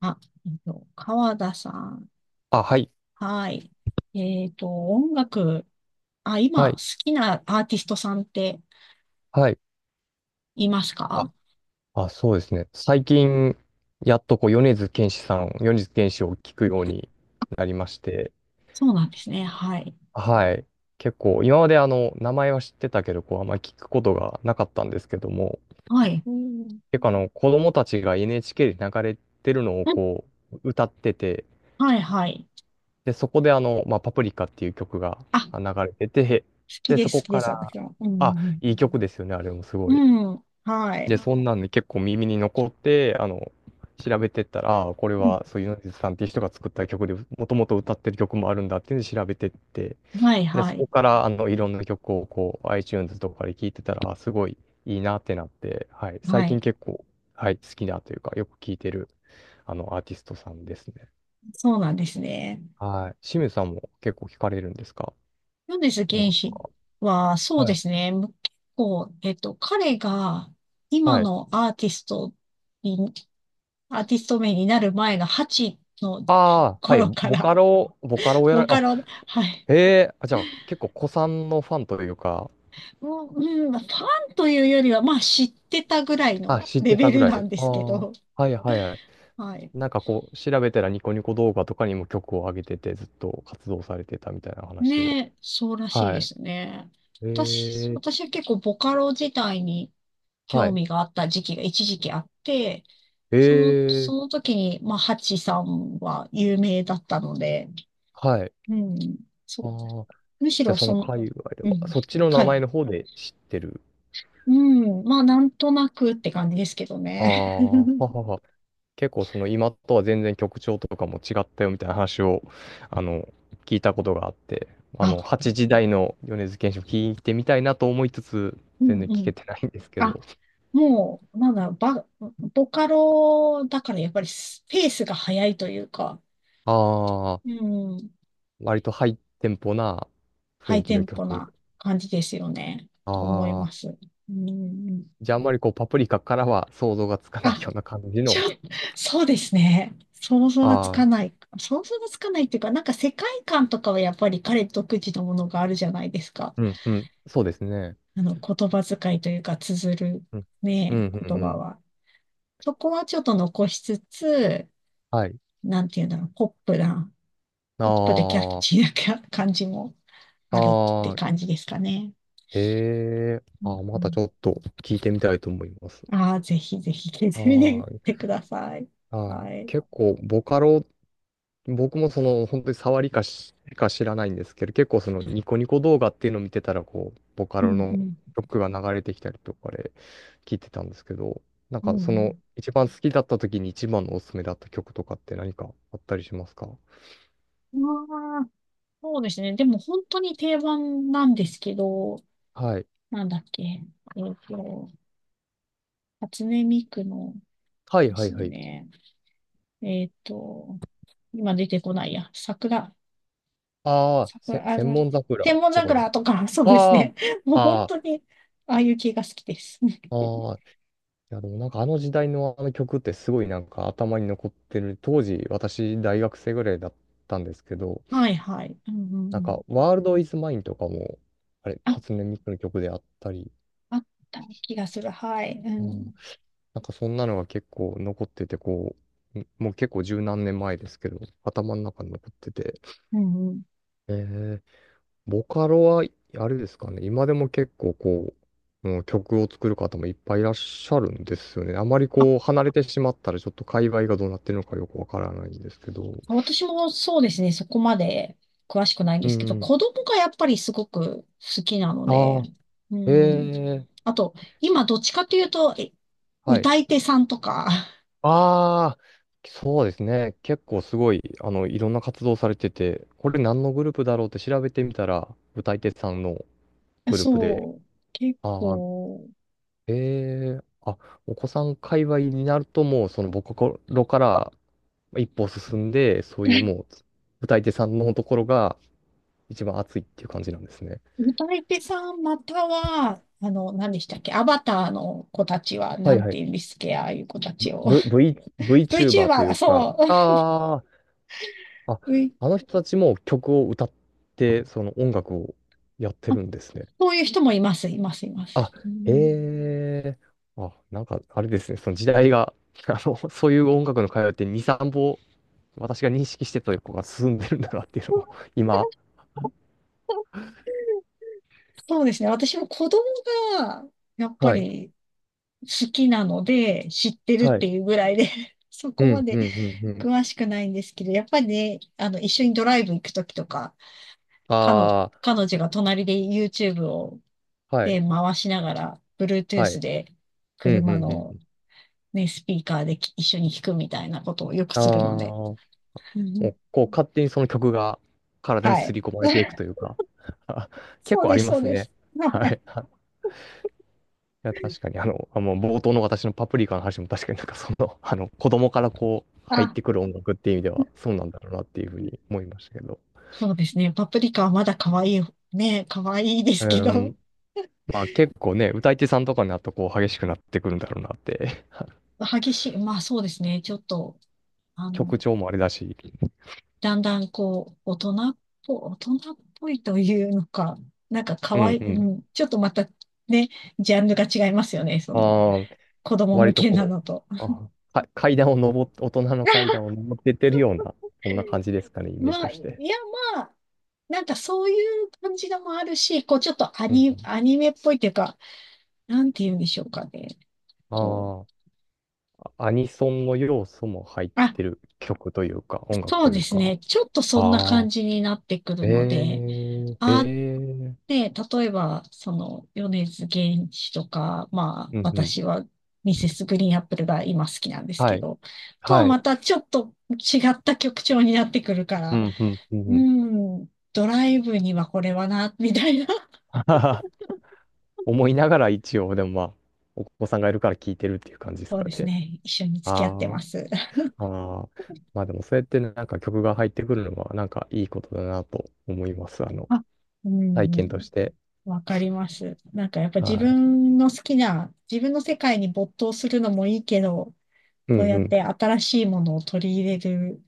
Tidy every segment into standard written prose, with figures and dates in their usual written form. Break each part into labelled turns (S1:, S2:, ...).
S1: あ、川田さん。
S2: あ、はい、
S1: はい。音楽、あ、
S2: は
S1: 今、好
S2: い、
S1: きなアーティストさんって
S2: はい。
S1: います
S2: あ、
S1: か？
S2: あ、そうですね。最近、やっとこう、米津玄師を聞くようになりまして、
S1: そうなんですね。はい。
S2: はい。結構、今まであの、名前は知ってたけど、こう、あんまり聞くことがなかったんですけども、
S1: はい。うん。
S2: 結構あの、子供たちが NHK で流れてるのを
S1: うん。
S2: こう、歌ってて、
S1: はい、はい。
S2: で、そこであの、まあ、パプリカっていう曲が
S1: あ、好
S2: 流れてて、
S1: き
S2: で、
S1: で
S2: そ
S1: す、
S2: こ
S1: 好きで
S2: か
S1: す、
S2: ら、
S1: 私は。う
S2: あ、
S1: ん、
S2: いい曲ですよね、あれもす
S1: う
S2: ごい。
S1: ん。うん、は
S2: で、
S1: い。
S2: そんなんで結構耳に残って、あの、調べてったら、ああ、これ
S1: うん、
S2: はそういう米津さんっていう人が作った曲で、もともと歌ってる曲もあるんだっていうので調べてって、
S1: はい、
S2: で、
S1: は
S2: そこ
S1: い。
S2: から、あの、いろんな曲をこう、iTunes とかで聴いてたら、あすごいいいなってなって、はい、
S1: は
S2: 最近
S1: い。
S2: 結構、はい、好きだというか、よく聴いてる、あの、アーティストさんですね。
S1: そうなんですね。
S2: はい。清水さんも結構聴かれるんですか、
S1: 米津
S2: 音
S1: 玄
S2: 楽。
S1: 師は、そう
S2: は
S1: で
S2: い。
S1: すね。結構、彼が今
S2: はい。
S1: のにアーティスト名になる前の8の
S2: ああ、はい。
S1: 頃か
S2: ボ
S1: ら、
S2: カロ、ボカロ をやら
S1: ボ
S2: れ、
S1: カ
S2: あ、
S1: ロ、はい。
S2: へえ、あ、じゃあ結構古参のファンというか、
S1: もう、うん、ファンというよりは、まあ知ってたぐらい
S2: あ、
S1: の
S2: 知っ
S1: レ
S2: て
S1: ベ
S2: たぐ
S1: ル
S2: ら
S1: な
S2: い。
S1: んで
S2: あ
S1: すけ
S2: あ、
S1: ど、
S2: はいはいはい。
S1: はい。
S2: なんかこう、調べたらニコニコ動画とかにも曲を上げてて、ずっと活動されてたみたいな話を。
S1: ねえ、そうらしい
S2: は
S1: で
S2: い。
S1: すね。私、
S2: ええ、
S1: 私は結構ボカロ自体に
S2: は
S1: 興
S2: い。
S1: 味があった時期が一時期あって、
S2: え
S1: その、そ
S2: え、
S1: の時に、まあ、ハチさんは有名だったので、
S2: はい。
S1: うん、そ
S2: あ
S1: う。
S2: あ、
S1: むし
S2: じゃあ
S1: ろ
S2: そ
S1: そ
S2: の
S1: の、
S2: 界隈で
S1: う
S2: は、
S1: ん、
S2: そっちの名
S1: は
S2: 前
S1: い。
S2: の方で知ってる。
S1: うん。まあ、なんとなくって感じですけど
S2: あ
S1: ね。
S2: あ、は はは。結構その今とは全然曲調とかも違ったよみたいな話を、あの、聞いたことがあって、あ
S1: あ、
S2: の、八時台の米津玄師を聞いてみたいなと思いつつ、
S1: う
S2: 全然
S1: ん
S2: 聞
S1: う
S2: け
S1: ん。
S2: てないんですけ
S1: あ、
S2: ど。
S1: もう、なんだろう、ボカロだからやっぱりスペースが早いというか、
S2: ああ、
S1: うん、
S2: 割とハイテンポな雰
S1: ハ
S2: 囲
S1: イ
S2: 気
S1: テ
S2: の
S1: ンポ
S2: 曲。
S1: な感じですよね、と思い
S2: あ
S1: ま
S2: あ、
S1: す。うん、
S2: じゃああんまりこうパプリカからは想像がつかない
S1: あ、
S2: ような感じ
S1: ちょ、
S2: の。
S1: そうですね。想像がつか
S2: ああ、
S1: ない。想像がつかないっていうか、なんか世界観とかはやっぱり彼独自のものがあるじゃないですか。
S2: うんうん、そうですね。
S1: あの、言葉遣いというか、綴る
S2: うん、うん、
S1: ね、
S2: うん、
S1: 言葉
S2: うん。
S1: は。そこはちょっと残しつつ、
S2: はい。
S1: なんていうんだろう、ポップな、ポップでキャッ
S2: あ
S1: チーな感じも
S2: あ、
S1: あるっ
S2: あ
S1: て
S2: あ、
S1: 感じですかね。
S2: へえ、
S1: うん
S2: ああ、ま
S1: う
S2: たちょっと聞いてみたいと思います。
S1: ん、ああ、ぜひぜひ聞いてみ
S2: ああ、
S1: てください。
S2: は
S1: は
S2: い。
S1: い。
S2: 結構ボカロ僕もその本当に触りかしか知らないんですけど、結構そのニコニコ動画っていうのを見てたら、こう、ボカ
S1: う
S2: ロ
S1: んう
S2: の
S1: ん。
S2: 曲が流れてきたりとかで聞いてたんですけど、なん
S1: う
S2: かその
S1: ん
S2: 一番好きだった時に一番のおすすめだった曲とかって何かあったりしますか？
S1: うん。ああ、そうですね。でも本当に定番なんですけど、
S2: はい。
S1: なんだっけ。っと、初音ミクの
S2: はい
S1: で
S2: はい
S1: す
S2: はい。
S1: ね。えっと、今出てこないや。桜、
S2: ああ、せ、
S1: 桜、あ
S2: 千
S1: の、
S2: 本桜
S1: 天文
S2: とかじゃな
S1: 桜
S2: い。
S1: とか、そうです
S2: あ
S1: ね。もう本
S2: あ、あ
S1: 当に、ああいう系が好きです。
S2: あ、ああ。いやでもなんかあの時代のあの曲ってすごいなんか頭に残ってる。当時私大学生ぐらいだったんですけど、
S1: はいはい。うんうんう
S2: なん
S1: ん。
S2: か、ワールドイズマインとかも、あれ、
S1: あ、
S2: 初音ミクの曲であったり、
S1: あった気がする。はい。う
S2: うん、
S1: ん。
S2: なんかそんなのが結構残ってて、こう、んもう結構十何年前ですけど、頭の中に残ってて、
S1: うんうん。
S2: えー、ボカロは、あれですかね、今でも結構こう、うん、曲を作る方もいっぱいいらっしゃるんですよね。あまり
S1: あ、
S2: こう、離れてしまったら、ちょっと界隈がどうなってるのかよくわからないんですけど。
S1: 私もそうですね。そこまで詳しくないんで
S2: う
S1: すけど、
S2: ん。
S1: 子供がやっぱりすごく好きなの
S2: あ
S1: で、
S2: あ、
S1: う
S2: え
S1: ん。
S2: え、
S1: あと、今どっちかというと、
S2: はい。
S1: 歌い手さんとか、
S2: ああ、そうですね。結構すごい、あの、いろんな活動されてて、これ何のグループだろうって調べてみたら、歌い手さんの グループで、
S1: そう、結
S2: ああ、
S1: 構、
S2: ええあ、お子さん界隈になるともう、その、僕頃から一歩進んで、そういう もう、歌い手さんのところが一番熱いっていう感じなんですね。
S1: 歌い手さんまたは、あの、何でしたっけ、アバターの子たちは、
S2: は
S1: な
S2: い
S1: ん
S2: は
S1: て
S2: い。
S1: 言うんですっけ、ああいう子たちを。
S2: V、V、
S1: VTuber
S2: VTuber とい
S1: だ、
S2: うか、
S1: そう。
S2: ああ、あ、
S1: V
S2: あの人たちも曲を歌って、その音楽をやって
S1: あ、
S2: るんですね。
S1: そういう人もいます、います、いま
S2: あ、
S1: す。うん、
S2: ええあ、なんか、あれですね、その時代が、あの、そういう音楽の会話って2、3歩、私が認識してたとこが進んでるんだなっていうのを、今。
S1: そうですね。私も子供が、やっぱ
S2: はい。
S1: り好きなので、知ってるっ
S2: はい。
S1: ていうぐらいで、 そ
S2: う
S1: こ
S2: ん、
S1: ま
S2: う
S1: で
S2: ん、うん、うん。
S1: 詳しくないんですけど、やっぱりね、あの、一緒にドライブ行くときとか、彼女、
S2: あ
S1: 彼女が隣で YouTube を
S2: あ、はい、
S1: 回しながら、
S2: は
S1: Bluetooth
S2: い。
S1: で
S2: うん、うん、う
S1: 車
S2: ん。う
S1: の
S2: ん
S1: ね、スピーカーで一緒に弾くみたいなことをよく
S2: ああ、
S1: するので。
S2: も
S1: うん、
S2: う、こう、勝手にその曲が体に
S1: は
S2: 刷
S1: い。
S2: り込まれていく というか、結
S1: そう
S2: 構あ
S1: で
S2: り
S1: す、
S2: ま
S1: そう
S2: す
S1: で
S2: ね。
S1: す。は
S2: は
S1: い。
S2: い。いや、確かに、あの、あ、もう冒頭の私のパプリカの話も確かになんかその、あの、子供からこう、入っ
S1: あ、
S2: てくる音楽っていう意味では、そうなんだろうなっていうふうに思いましたけど。
S1: そうですね。パプリカはまだ可愛い、ね、可愛いです
S2: う
S1: け
S2: ー
S1: ど、
S2: ん。まあ結構ね、歌い手さんとかになるとこう激しくなってくるんだろうなって。
S1: 激しい。まあそうですね。ちょっと、あ
S2: 曲
S1: の、
S2: 調もあれだし。
S1: だんだんこう、大人っぽいというのか、なんか
S2: う
S1: 可
S2: ん
S1: 愛い、
S2: う
S1: う
S2: ん。
S1: ん、ちょっとまたね、ジャンルが違いますよね。その、
S2: ああ、
S1: 子供
S2: 割
S1: 向
S2: と
S1: けな
S2: こ
S1: のと。
S2: う、あ、か階段を登って、大人の階段を登ってってるような、そんな感じですかね、イメージ
S1: ま
S2: と
S1: あ、い
S2: して。
S1: や、まあ、なんかそういう感じのもあるし、こう、ちょっと
S2: うん
S1: アニメっぽいっていうか、なんて言うんでしょうかね。
S2: う
S1: こう、
S2: ん。ああ、アニソンの要素も入っ
S1: あ、
S2: てる曲というか、音楽
S1: そう
S2: とい
S1: で
S2: う
S1: す
S2: か。
S1: ね。ちょっとそんな
S2: あ
S1: 感
S2: あ。
S1: じになってくる
S2: え
S1: ので、
S2: え、え
S1: あ、
S2: え、うん
S1: ね、例えば、その、米津玄師とか、まあ、
S2: うん。
S1: 私は、ミセスグリーンアップルが今好きなんです
S2: は
S1: け
S2: い、
S1: ど、とは
S2: は
S1: ま
S2: い。
S1: たちょっと違った曲調になってくるか
S2: う
S1: ら、
S2: んうん、うん
S1: う
S2: うん。
S1: ん、ドライブにはこれはな、みたいな。
S2: ははは思いながら一応、でもまあ、お子さんがいるから聞いてるっていう感じです
S1: そう
S2: か
S1: です
S2: ね。
S1: ね。一緒に付き合って
S2: あ
S1: ます。
S2: あ、ああ。まあでもそうやってねなんか曲が入ってくるのはなんかいいことだなと思います。あの、
S1: あ、う
S2: 体
S1: んう
S2: 験
S1: ん。
S2: として。
S1: わかります。なんかやっぱ自
S2: はい。
S1: 分の好きな、自分の世界に没頭するのもいいけど、
S2: うんう
S1: そうやっ
S2: ん。
S1: て新しいものを取り入れる、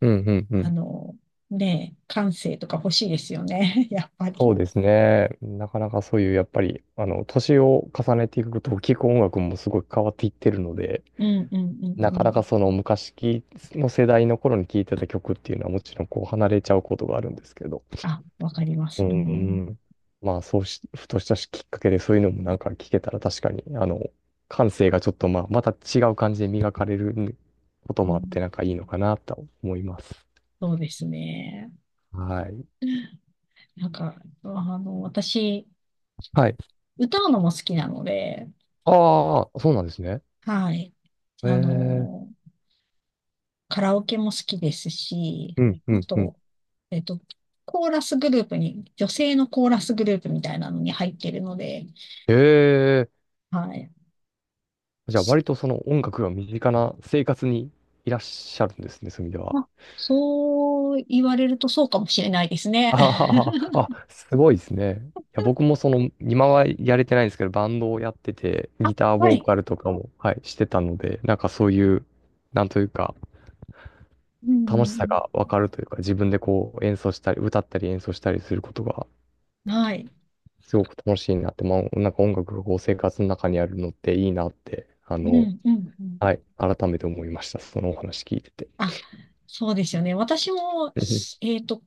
S2: うんうんう
S1: あ
S2: ん。
S1: の、ねえ、感性とか欲しいですよね。やっぱ
S2: そ
S1: り。
S2: うですね。なかなかそういう、やっぱり、あの、年を重ねていくと、聞く音楽もすごい変わっていってるので、
S1: うんうんうん
S2: な
S1: う
S2: かなか
S1: ん。
S2: その昔きの世代の頃に聴いてた曲っていうのはもちろんこう離れちゃうことがあるんですけど。
S1: あ、わかりま
S2: う
S1: す。うん、
S2: ん。まあそうし、ふとしたきっかけでそういうのもなんか聞けたら確かに、あの、感性がちょっとまあまた違う感じで磨かれること
S1: う
S2: もあっ
S1: ん。
S2: てなんかいいのかなと思います。
S1: そうですね。
S2: はい。
S1: なんか、あの、私、
S2: はい。
S1: 歌うのも好きなので、
S2: ああ、そうなんですね。
S1: はい。あ
S2: え
S1: の、
S2: え
S1: カラオケも好きですし、
S2: うん、う
S1: あ
S2: ん、うん。
S1: と、えっと、コーラスグループに、女性のコーラスグループみたいなのに入っているので、
S2: ええ
S1: はい。
S2: じゃあ割とその音楽が身近な生活にいらっしゃるんですね、そういう意味で
S1: ま
S2: は。
S1: あ、そう言われるとそうかもしれないですね。
S2: ああ、あ、すごいですね。いや、僕もその、今はやれてないんですけど、バンドをやってて、
S1: あ、
S2: ギター
S1: は
S2: ボー
S1: い。
S2: カルとかも、はい、してたので、なんかそういう、なんというか、
S1: う
S2: 楽
S1: ん
S2: し
S1: う
S2: さ
S1: ん
S2: がわかるというか、自分でこう演奏したり、歌ったり演奏したりすることが、
S1: うん。はい。
S2: すごく楽しいなって、まあ、なんか音楽がこう生活の中にあるのっていいなって、あ
S1: う
S2: の、
S1: んうんうん。
S2: はい、改めて思いました。そのお話聞いてて。
S1: あ、そうですよね。私も、
S2: う
S1: す
S2: ん
S1: えっと、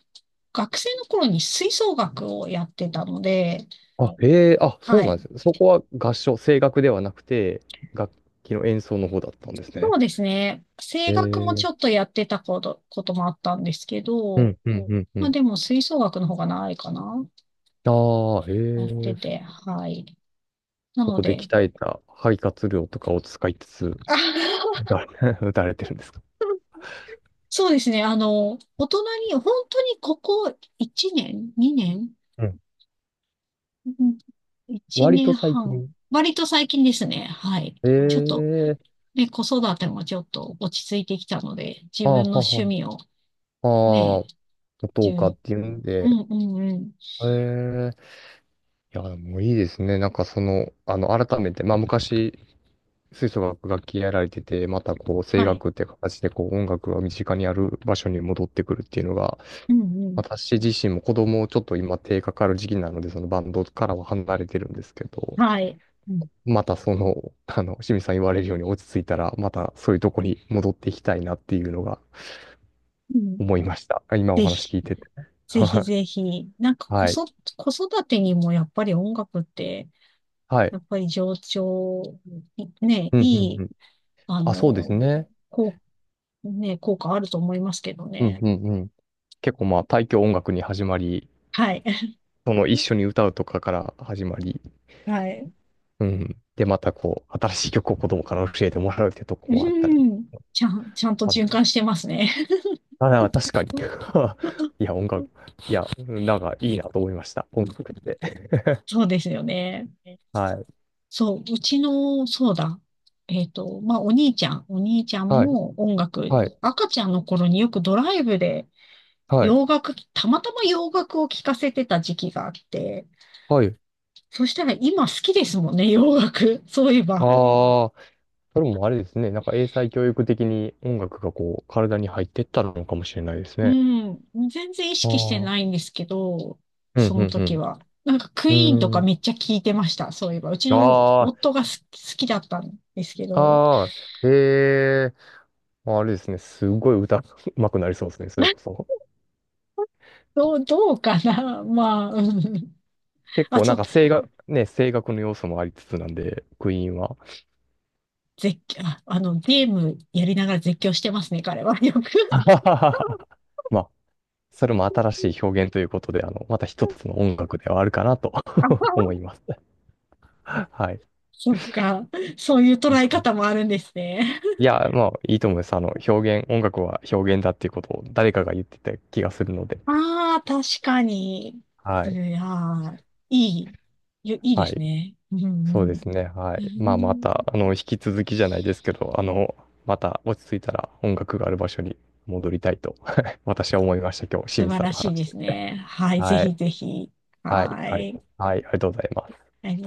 S1: 学生の頃に吹奏楽をやってたので、
S2: あ、ええあ、そう
S1: は
S2: なんで
S1: い。
S2: すね。そこは合唱、声楽ではなくて、楽器の演奏の方だったんです
S1: そ
S2: ね。
S1: うですね。声楽もち
S2: え
S1: ょっ
S2: え
S1: とやってたこともあったんですけ
S2: う
S1: ど、
S2: ん、うん、うんうん、う
S1: まあ
S2: ん。
S1: でも吹奏楽の方が長いかな。
S2: ああ、ええ
S1: やって
S2: ー
S1: て、はい。な
S2: そ
S1: の
S2: こで
S1: で、
S2: 鍛えた肺活量とかを使いつつ、打
S1: あ。
S2: たれ 打たれてるんですか？
S1: そうですね。あの、大人に、本当にここ1年？ 2 年、
S2: うん
S1: うん、1
S2: 割と
S1: 年
S2: 最
S1: 半。
S2: 近。
S1: 割と最近ですね。はい。
S2: え
S1: ちょっと、
S2: えー
S1: ね、子育てもちょっと落ち着いてきたので、自
S2: あ
S1: 分
S2: あ、
S1: の
S2: は
S1: 趣
S2: は、
S1: 味を、
S2: あ
S1: ね、
S2: あ、元
S1: じゅ
S2: 岡っ
S1: う、
S2: ていうん
S1: う
S2: で、
S1: んうんうん。
S2: ええいや、もういいですね。なんかその、あの、改めて、まあ昔、吹奏楽楽器やられてて、またこう、声
S1: はい。
S2: 楽って形でこう、音楽が身近にある場所に戻ってくるっていうのが、
S1: うんうん。
S2: 私自身も子供をちょっと今手かかる時期なので、そのバンドからは離れてるんですけど、
S1: はい。うん
S2: またその、あの、清水さん言われるように落ち着いたら、またそういうとこに戻っていきたいなっていうのが
S1: うん。
S2: 思いました。今お
S1: ぜ
S2: 話聞
S1: ひ、
S2: いてて。
S1: ぜひ ぜひ。なんか
S2: はい。
S1: 子育てにもやっぱり音楽って、
S2: はい。
S1: やっぱり情緒、
S2: うんうん
S1: い
S2: う
S1: い、
S2: ん。
S1: あ
S2: あ、そうです
S1: の、
S2: ね。
S1: こう、ね、効果あると思いますけど
S2: うん
S1: ね。
S2: うんうん。結構まあ、大教音楽に始まり、
S1: はい。
S2: その一緒に歌うとかから始まり、
S1: はい。
S2: うん。で、またこう、新しい曲を子供から教えてもらうってと
S1: う
S2: こもあったり。
S1: ん。ちゃんと循環してますね。
S2: あ、なんか確かに。い や、音楽、いや、なんかいいなと思いました。音楽って。
S1: そうですよね。
S2: はい。
S1: そう、うちの、そうだ。まあ、お兄ちゃん
S2: はい。
S1: も音楽、
S2: はい。
S1: 赤ちゃんの頃によくドライブで
S2: はい。
S1: たまたま洋楽を聴かせてた時期があって、
S2: はい。
S1: そしたら今好きですもんね、洋楽。そういえば。
S2: ああ、それもあれですね。なんか英才教育的に音楽がこう、体に入ってったのかもしれないです
S1: う
S2: ね。
S1: ん。全然意
S2: ああ。
S1: 識して
S2: うん、
S1: ないんですけど、
S2: う
S1: その
S2: ん、
S1: 時
S2: う
S1: は。なんかク
S2: ん。
S1: イーンと
S2: うー
S1: か
S2: ん。
S1: めっちゃ聴いてました、そういえば。うちの
S2: あ
S1: 夫が好きだったんですけ
S2: あ、
S1: ど。
S2: ああ、ええ、あれですね。すごい歌 うまくなりそうですね。それこ そ。
S1: どうかな。 まあ、うん。
S2: 結
S1: あ、
S2: 構な
S1: そ
S2: ん
S1: う、
S2: か声楽、ね、声楽の要素もありつつなんで、クイーンは。
S1: 絶叫、あ、あの、ゲームやりながら絶叫してますね、彼は。よく。
S2: まあそれも新しい表現ということで、あの、また一つの音楽ではあるかなと
S1: あ、
S2: 思います。はい。
S1: そっか。そういう捉え方もあるんですね。
S2: いや、まあ、いいと思います。あの、表現、音楽は表現だっていうことを誰かが言ってた気がするので。
S1: ああ、確かに。
S2: は
S1: す
S2: い。
S1: いー、いい。いいで
S2: は
S1: す
S2: い。
S1: ね。うん
S2: そう
S1: う
S2: で
S1: ん。
S2: すね。は
S1: う
S2: い。まあ、ま
S1: ん、
S2: た、あの、引き続きじゃないですけど、あの、また落ち着いたら音楽がある場所に戻りたいと 私は思いました。今日、
S1: 素
S2: 清水
S1: 晴
S2: さん
S1: ら
S2: と
S1: しい
S2: 話し
S1: で
S2: て
S1: す
S2: て。
S1: ね。はい、ぜ
S2: はい。
S1: ひぜひ。
S2: はい。
S1: は
S2: はい。
S1: い。
S2: はい。ありがとうございます。
S1: はい。